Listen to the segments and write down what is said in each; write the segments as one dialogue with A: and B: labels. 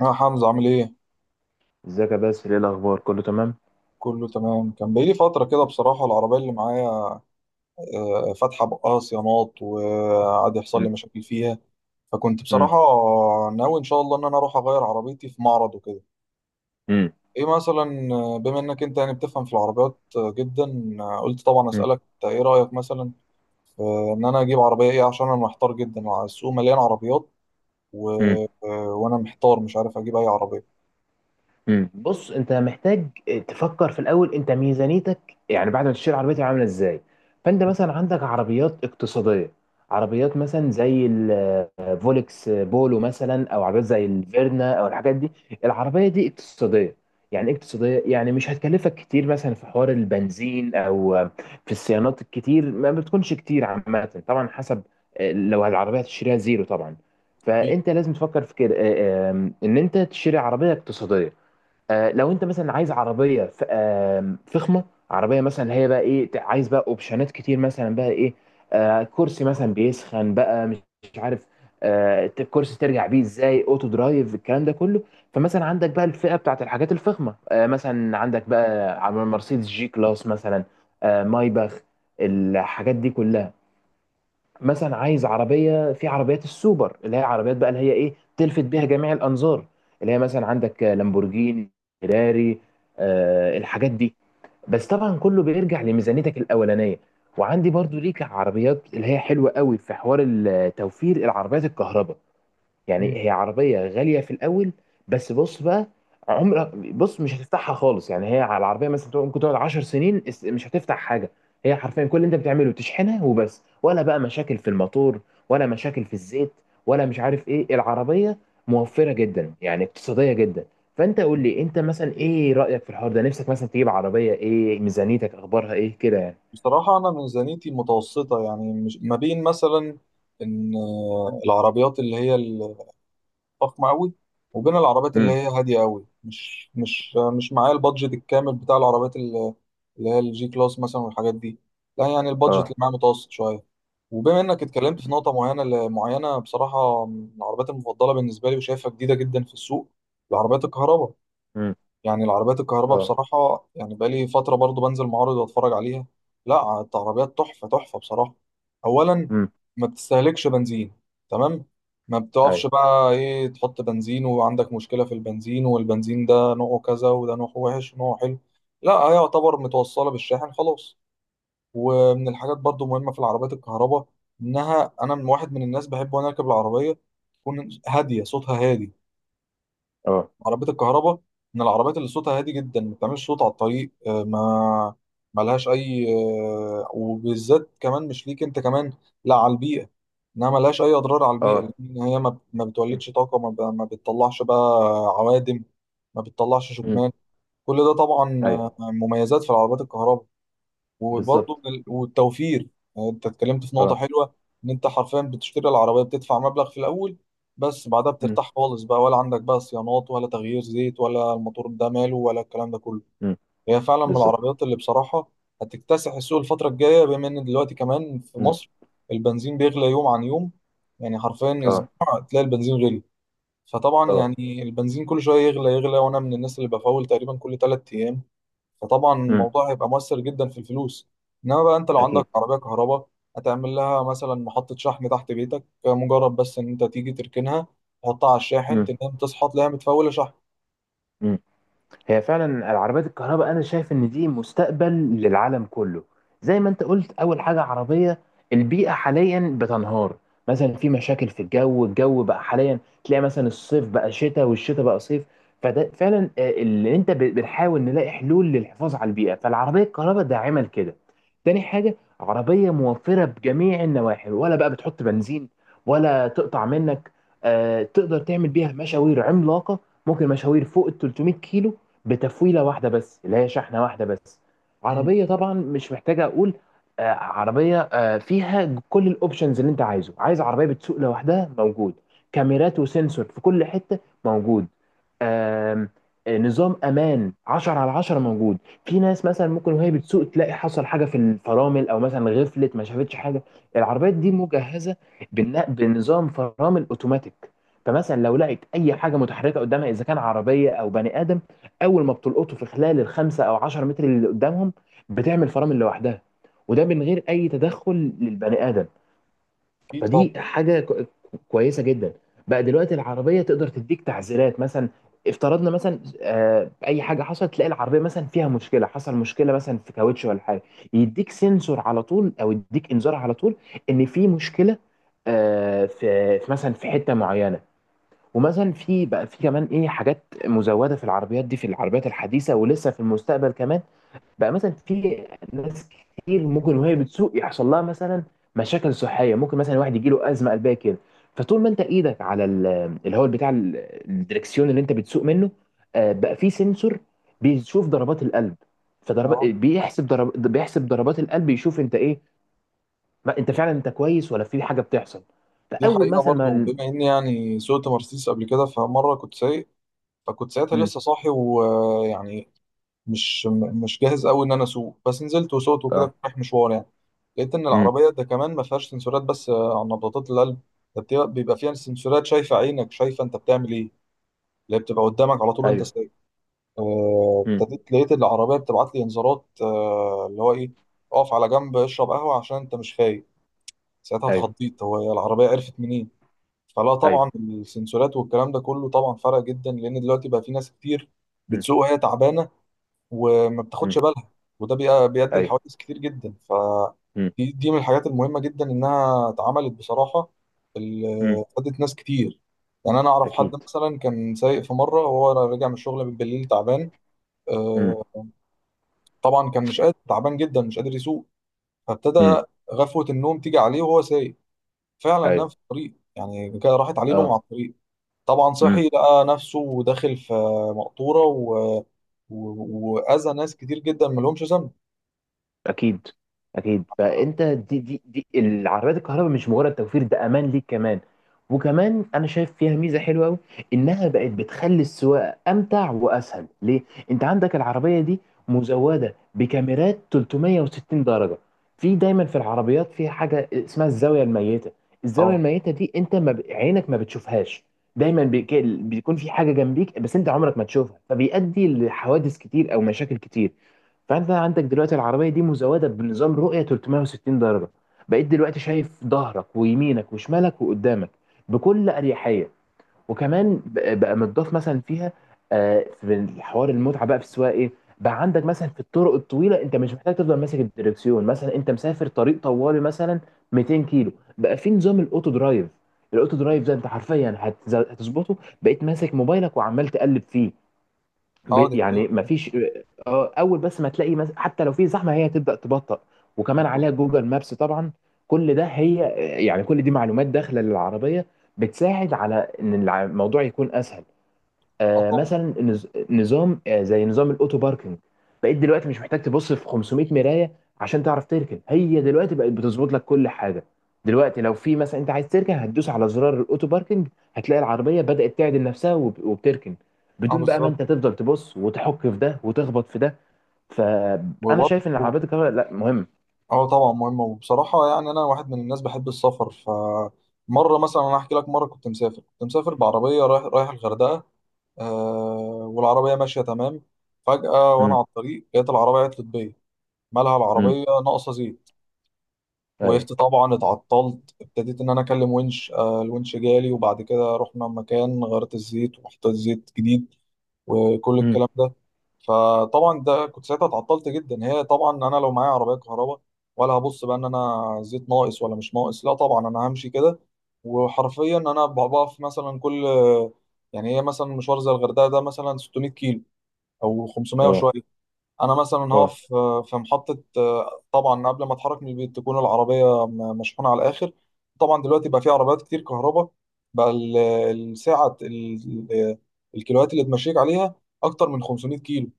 A: يا حمزة عامل ايه؟
B: ازيك يا باسل، ايه الاخبار؟ كله تمام.
A: كله تمام. كان بقالي فترة كده بصراحة العربية اللي معايا فاتحة بقها صيانات وقعد يحصل لي
B: مم.
A: مشاكل فيها. فكنت بصراحة
B: مم.
A: ناوي ان شاء الله ان انا اروح اغير عربيتي في معرض وكده.
B: مم.
A: ايه مثلا، بما انك انت يعني بتفهم في العربيات جدا، قلت طبعا
B: مم.
A: اسألك إنت ايه رأيك مثلا ان انا اجيب عربية ايه، عشان انا محتار جدا. السوق مليان عربيات و...
B: مم.
A: آه، وانا محتار مش عارف اجيب اي
B: مم. بص، انت محتاج تفكر في الاول. انت ميزانيتك يعني بعد ما تشتري عربيتك عامله ازاي؟ فانت مثلا عندك عربيات اقتصاديه، عربيات مثلا زي ال فولكس بولو مثلا، او عربيات زي الفيرنا او الحاجات دي. العربيه دي اقتصاديه. يعني ايه اقتصاديه؟ يعني مش هتكلفك كتير مثلا في حوار البنزين او في الصيانات الكتير، ما بتكونش كتير عامه طبعا، حسب. لو العربيه هتشتريها زيرو طبعا،
A: عربية.
B: فانت لازم تفكر في كده. ان انت تشتري عربيه اقتصاديه. لو انت مثلا عايز عربيه ف- آم، فخمه، عربيه مثلا، هي بقى ايه؟ عايز بقى اوبشنات كتير، مثلا بقى ايه؟ كرسي مثلا بيسخن، بقى مش عارف، الكرسي ترجع بيه ازاي، اوتو درايف، الكلام ده كله. فمثلا عندك بقى الفئه بتاعت الحاجات الفخمه، مثلا عندك بقى مرسيدس جي كلاس مثلا، مايباخ، الحاجات دي كلها. مثلا عايز عربيه في عربيات السوبر، اللي هي عربيات بقى اللي هي ايه، تلفت بيها جميع الانظار، اللي هي مثلا عندك لامبورجيني، فيراري، آه الحاجات دي. بس طبعا كله بيرجع لميزانيتك الاولانيه. وعندي برضو ليك عربيات اللي هي حلوه قوي في حوار التوفير، العربيات الكهرباء. يعني هي عربية غالية في الأول، بس بص بقى، عمرك بص مش هتفتحها خالص. يعني هي، على العربية مثلا ممكن تقعد 10 سنين، مش هتفتح حاجة. هي حرفيا كل اللي أنت بتعمله تشحنها وبس، ولا بقى مشاكل في الموتور ولا مشاكل في الزيت ولا مش عارف إيه. العربية موفرة جدا، يعني اقتصادية جدا. فأنت قول لي أنت مثلا إيه رأيك في الحوار ده؟ نفسك مثلا تجيب عربية إيه؟ ميزانيتك أخبارها إيه كده يعني؟
A: بصراحة أنا ميزانيتي متوسطة، يعني مش ما بين مثلا إن العربيات اللي هي الفخمة أوي وبين العربيات اللي
B: امم.
A: هي هادية أوي. مش معايا البادجت الكامل بتاع العربيات اللي هي الجي كلاس مثلا والحاجات دي. لا يعني البادجت اللي
B: اه.
A: معايا متوسط شوية. وبما إنك اتكلمت في نقطة معينة بصراحة، من العربيات المفضلة بالنسبة لي وشايفها جديدة جدا في السوق، العربيات الكهرباء.
B: امم.
A: يعني العربيات الكهرباء
B: اه.
A: بصراحة، يعني بقالي فترة برضو بنزل معارض واتفرج عليها. لا، العربيات تحفة تحفة بصراحة. أولا،
B: امم.
A: ما بتستهلكش بنزين. تمام. ما بتقفش
B: ايوه.
A: بقى ايه تحط بنزين وعندك مشكلة في البنزين، والبنزين ده نوعه كذا وده نوعه وحش ونوعه حلو. لا، هي يعتبر متوصلة بالشاحن خلاص. ومن الحاجات برضو مهمة في العربيات الكهرباء، إنها أنا من واحد من الناس بحب وأنا راكب العربية تكون هادية، صوتها هادي.
B: اه.
A: عربية الكهرباء من العربيات اللي صوتها هادي جدا، ما بتعملش صوت على الطريق. ما ملهاش أي وبالذات كمان مش ليك أنت كمان، لا على البيئة. إنها ملهاش أي أضرار على البيئة،
B: اه.
A: لأن هي ما بتولدش طاقة، ما بتطلعش بقى عوادم، ما بتطلعش
B: امم.
A: شكمان. كل ده طبعا
B: ايوه.
A: مميزات في العربيات الكهرباء.
B: بالظبط.
A: وبرضه من والتوفير. يعني انت اتكلمت في نقطة
B: اه.
A: حلوة، ان انت حرفيا بتشتري العربية بتدفع مبلغ في الاول، بس بعدها
B: امم.
A: بترتاح خالص بقى. ولا عندك بقى صيانات، ولا تغيير زيت، ولا الموتور ده ماله، ولا الكلام ده كله.
B: امم.
A: هي فعلا من
B: بالظبط.
A: العربيات اللي بصراحة هتكتسح السوق الفترة الجاية، بما ان دلوقتي كمان في
B: امم.
A: مصر البنزين بيغلى يوم عن يوم. يعني حرفيا
B: اه.
A: اسبوع تلاقي البنزين غلي. فطبعا
B: اه.
A: يعني البنزين كل شويه يغلى يغلى، وانا من الناس اللي بفول تقريبا كل ثلاث ايام. فطبعا
B: امم.
A: الموضوع هيبقى مؤثر جدا في الفلوس. انما بقى انت لو عندك
B: اكيد.
A: عربيه كهرباء، هتعمل لها مثلا محطه شحن تحت بيتك. مجرد بس ان انت تيجي تركنها، تحطها على الشاحن،
B: امم.
A: تنام تصحى تلاقيها متفوله شحن.
B: امم. هي فعلا العربيات الكهرباء، انا شايف ان دي مستقبل للعالم كله. زي ما انت قلت، اول حاجه عربيه، البيئه حاليا بتنهار. مثلا في مشاكل في الجو، الجو بقى حاليا تلاقي مثلا الصيف بقى شتاء والشتاء بقى صيف. فده فعلا اللي انت بنحاول نلاقي حلول للحفاظ على البيئه، فالعربيه الكهرباء ده عمل كده. تاني حاجه، عربيه موفره بجميع النواحي، ولا بقى بتحط بنزين ولا تقطع منك. تقدر تعمل بيها مشاوير عملاقه، ممكن مشاوير فوق ال 300 كيلو بتفويله واحده بس، اللي هي شحنه واحده بس.
A: مم.
B: عربيه طبعا مش محتاجه اقول، عربيه فيها كل الاوبشنز اللي انت عايزه. عايز عربيه بتسوق لوحدها، موجود. كاميرات وسنسور في كل حته، موجود. آم، آه، نظام امان 10 على 10 موجود. في ناس مثلا ممكن وهي بتسوق تلاقي حصل حاجه في الفرامل، او مثلا غفلت ما شافتش حاجه. العربيات دي مجهزه بنظام فرامل اوتوماتيك. فمثلا لو لقيت اي حاجه متحركه قدامها، اذا كان عربيه او بني ادم، اول ما بتلقطه في خلال الخمسه او 10 متر اللي قدامهم، بتعمل فرامل لوحدها، وده من غير اي تدخل للبني ادم.
A: اكيد طبعا.
B: فدي حاجه كويسه جدا. بقى دلوقتي العربيه تقدر تديك تعزيرات مثلا. افترضنا مثلا اي حاجه حصلت، تلاقي العربيه مثلا فيها مشكله، حصل مشكله مثلا في كاوتش ولا حاجه، يديك سنسور على طول او يديك انذار على طول ان في مشكله في مثلا في حته معينه. ومثلا في بقى، في كمان ايه حاجات مزوده في العربيات دي، في العربيات الحديثه، ولسه في المستقبل كمان. بقى مثلا في ناس كتير ممكن وهي بتسوق يحصل لها مثلا مشاكل صحيه، ممكن مثلا واحد يجي له ازمه قلبيه كده. فطول ما انت ايدك على ال- اللي هو بتاع ال- الدركسيون اللي انت بتسوق منه، بقى في سنسور بيشوف ضربات القلب. فضرب
A: اه،
B: بيحسب ضرب بيحسب ضربات القلب، يشوف انت ايه، ما انت فعلا انت كويس ولا في حاجه بتحصل.
A: دي
B: فاول
A: حقيقه.
B: مثلا ما
A: برضو
B: ال-
A: بما اني يعني سوقت مرسيدس قبل كده، فمره كنت سايق، فكنت ساعتها
B: مم.
A: لسه صاحي ويعني مش جاهز قوي ان انا اسوق، بس نزلت وسوقت وكده.
B: اه.
A: كنت رايح مشوار يعني. لقيت ان
B: مم.
A: العربيه ده كمان ما فيهاش سنسورات بس على نبضات القلب. ده بيبقى فيها سنسورات شايفه عينك، شايفه انت بتعمل ايه، اللي هي بتبقى قدامك على طول وانت
B: ايوه.
A: سايق. ابتديت لقيت العربيه بتبعت لي انذارات، اللي هو ايه، اقف على جنب اشرب قهوه عشان انت مش فايق. ساعتها
B: ايوه.
A: اتخضيت، هو هي العربيه عرفت منين؟ فلا
B: ايوه.
A: طبعا السنسورات والكلام ده كله طبعا فرق جدا، لان دلوقتي بقى في ناس كتير
B: امم.
A: بتسوق وهي تعبانه وما بتاخدش
B: امم.
A: بالها، وده بيؤدي
B: ايوه.
A: لحوادث كتير جدا. ف
B: امم.
A: دي من الحاجات المهمة جدا إنها اتعملت بصراحة، اللي
B: امم.
A: فادت ناس كتير. يعني أنا أعرف حد
B: اكيد.
A: مثلا كان سايق في مرة وهو راجع من الشغل بالليل تعبان،
B: امم.
A: آه، طبعا كان مش قادر، تعبان جدا مش قادر يسوق. فابتدى
B: امم.
A: غفوة النوم تيجي عليه وهو سايق، فعلا نام
B: ايوه.
A: في الطريق. يعني كده راحت عليه نوم على
B: اه.
A: الطريق. طبعا
B: امم.
A: صحي لقى نفسه داخل في مقطورة وأذى ناس كتير جدا ملهمش ذنب.
B: اكيد. اكيد، فانت، دي العربيات الكهرباء مش مجرد توفير، ده امان ليك كمان. وكمان انا شايف فيها ميزه حلوه قوي، انها بقت بتخلي السواقه امتع واسهل ليه. انت عندك العربيه دي مزوده بكاميرات 360 درجه. في، دايما في العربيات، في حاجه اسمها الزاويه الميته. الزاويه
A: اه.
B: الميته دي انت ما عينك ما بتشوفهاش. دايما بيكون في حاجه جنبيك بس انت عمرك ما تشوفها، فبيؤدي لحوادث كتير او مشاكل كتير. فانت عندك دلوقتي العربيه دي مزوده بنظام رؤيه 360 درجه. بقيت دلوقتي شايف ظهرك ويمينك وشمالك وقدامك بكل اريحيه. وكمان بقى متضاف مثلا فيها، في حوار المتعه بقى في السواقه ايه، بقى عندك مثلا في الطرق الطويله انت مش محتاج تفضل ماسك الدركسيون، مثلا انت مسافر طريق طوالي مثلا 200 كيلو، بقى في نظام الاوتو درايف. الاوتو درايف ده انت حرفيا هتظبطه، بقيت ماسك موبايلك وعمال تقلب فيه.
A: اه، دي حقيقة.
B: يعني ما فيش. اه. اول بس ما تلاقي حتى لو في زحمه هي تبدا تبطأ. وكمان عليها جوجل مابس طبعا، كل ده هي، يعني كل دي معلومات داخله للعربيه، بتساعد على ان الموضوع يكون اسهل.
A: اه طبعا.
B: مثلا نظام، زي نظام الاوتو باركنج. بقيت دلوقتي مش محتاج تبص في 500 مرايه عشان تعرف تركن، هي دلوقتي بقت بتظبط لك كل حاجه. دلوقتي لو في مثلا انت عايز تركن، هتدوس على زرار الاوتو باركنج، هتلاقي العربيه بدات تعدل نفسها وبتركن
A: اه
B: بدون بقى ما انت
A: بالظبط.
B: تفضل تبص وتحك في ده وتخبط في ده. فانا
A: وبرضه
B: شايف ان العربيات الكهرباء، لا، مهم.
A: اه طبعا مهمة. وبصراحة يعني أنا واحد من الناس بحب السفر. فمرة مثلا، أنا أحكي لك، مرة كنت مسافر، كنت مسافر بعربية رايح، رايح الغردقة. آه، والعربية ماشية تمام. فجأة وأنا
B: امم.
A: على الطريق لقيت العربية عطلت بيا. مالها
B: امم.
A: العربية؟ ناقصة زيت.
B: ايوه.
A: وقفت طبعا، اتعطلت، ابتديت إن أنا أكلم ونش. آه، الونش جالي، وبعد كده رحنا مكان غيرت الزيت وحطيت زيت جديد وكل
B: امم.
A: الكلام ده. فطبعا ده كنت ساعتها اتعطلت جدا. هي طبعا انا لو معايا عربيه كهرباء، ولا هبص بقى ان انا زيت ناقص ولا مش ناقص. لا طبعا انا همشي كده. وحرفيا انا بقف مثلا كل، يعني هي مثلا مشوار زي الغردقه ده مثلا 600 كيلو او 500
B: اه.
A: وشويه، انا مثلا
B: اه.
A: هقف في محطه. طبعا قبل ما اتحرك من البيت تكون العربيه مشحونه على الاخر. طبعا دلوقتي بقى في عربيات كتير كهرباء بقى الساعه ال- ال- الكيلوات اللي تمشيك عليها اكتر من 500 كيلو.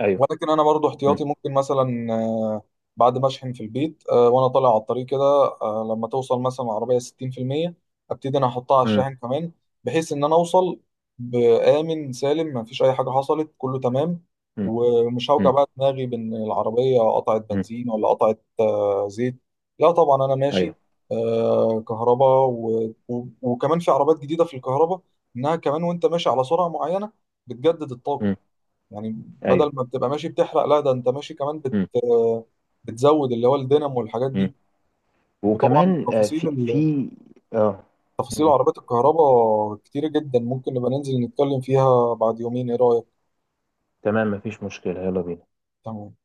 B: ايوه.
A: ولكن انا برضو
B: امم.
A: احتياطي، ممكن مثلا بعد ما اشحن في البيت وانا طالع على الطريق كده، لما توصل مثلا العربيه 60% ابتدي انا احطها على
B: امم.
A: الشاحن كمان، بحيث ان انا اوصل بامن سالم، ما فيش اي حاجه حصلت كله تمام. ومش هوجع
B: امم.
A: بقى دماغي بان العربيه قطعت
B: امم.
A: بنزين ولا قطعت زيت. لا طبعا انا ماشي
B: ايوه.
A: كهرباء. وكمان في عربات جديده في الكهرباء، انها كمان وانت ماشي على سرعه معينه بتجدد الطاقه.
B: امم.
A: يعني بدل
B: ايوه.
A: ما بتبقى ماشي بتحرق، لا ده انت ماشي كمان بتزود اللي هو الدينامو والحاجات
B: امم.
A: دي. وطبعا
B: وكمان
A: تفاصيل
B: في في اه.
A: تفاصيل
B: مم.
A: عربيات الكهرباء كتير جدا، ممكن نبقى ننزل نتكلم فيها بعد يومين، ايه رأيك؟
B: تمام، مفيش مشكلة، يلا بينا.
A: تمام.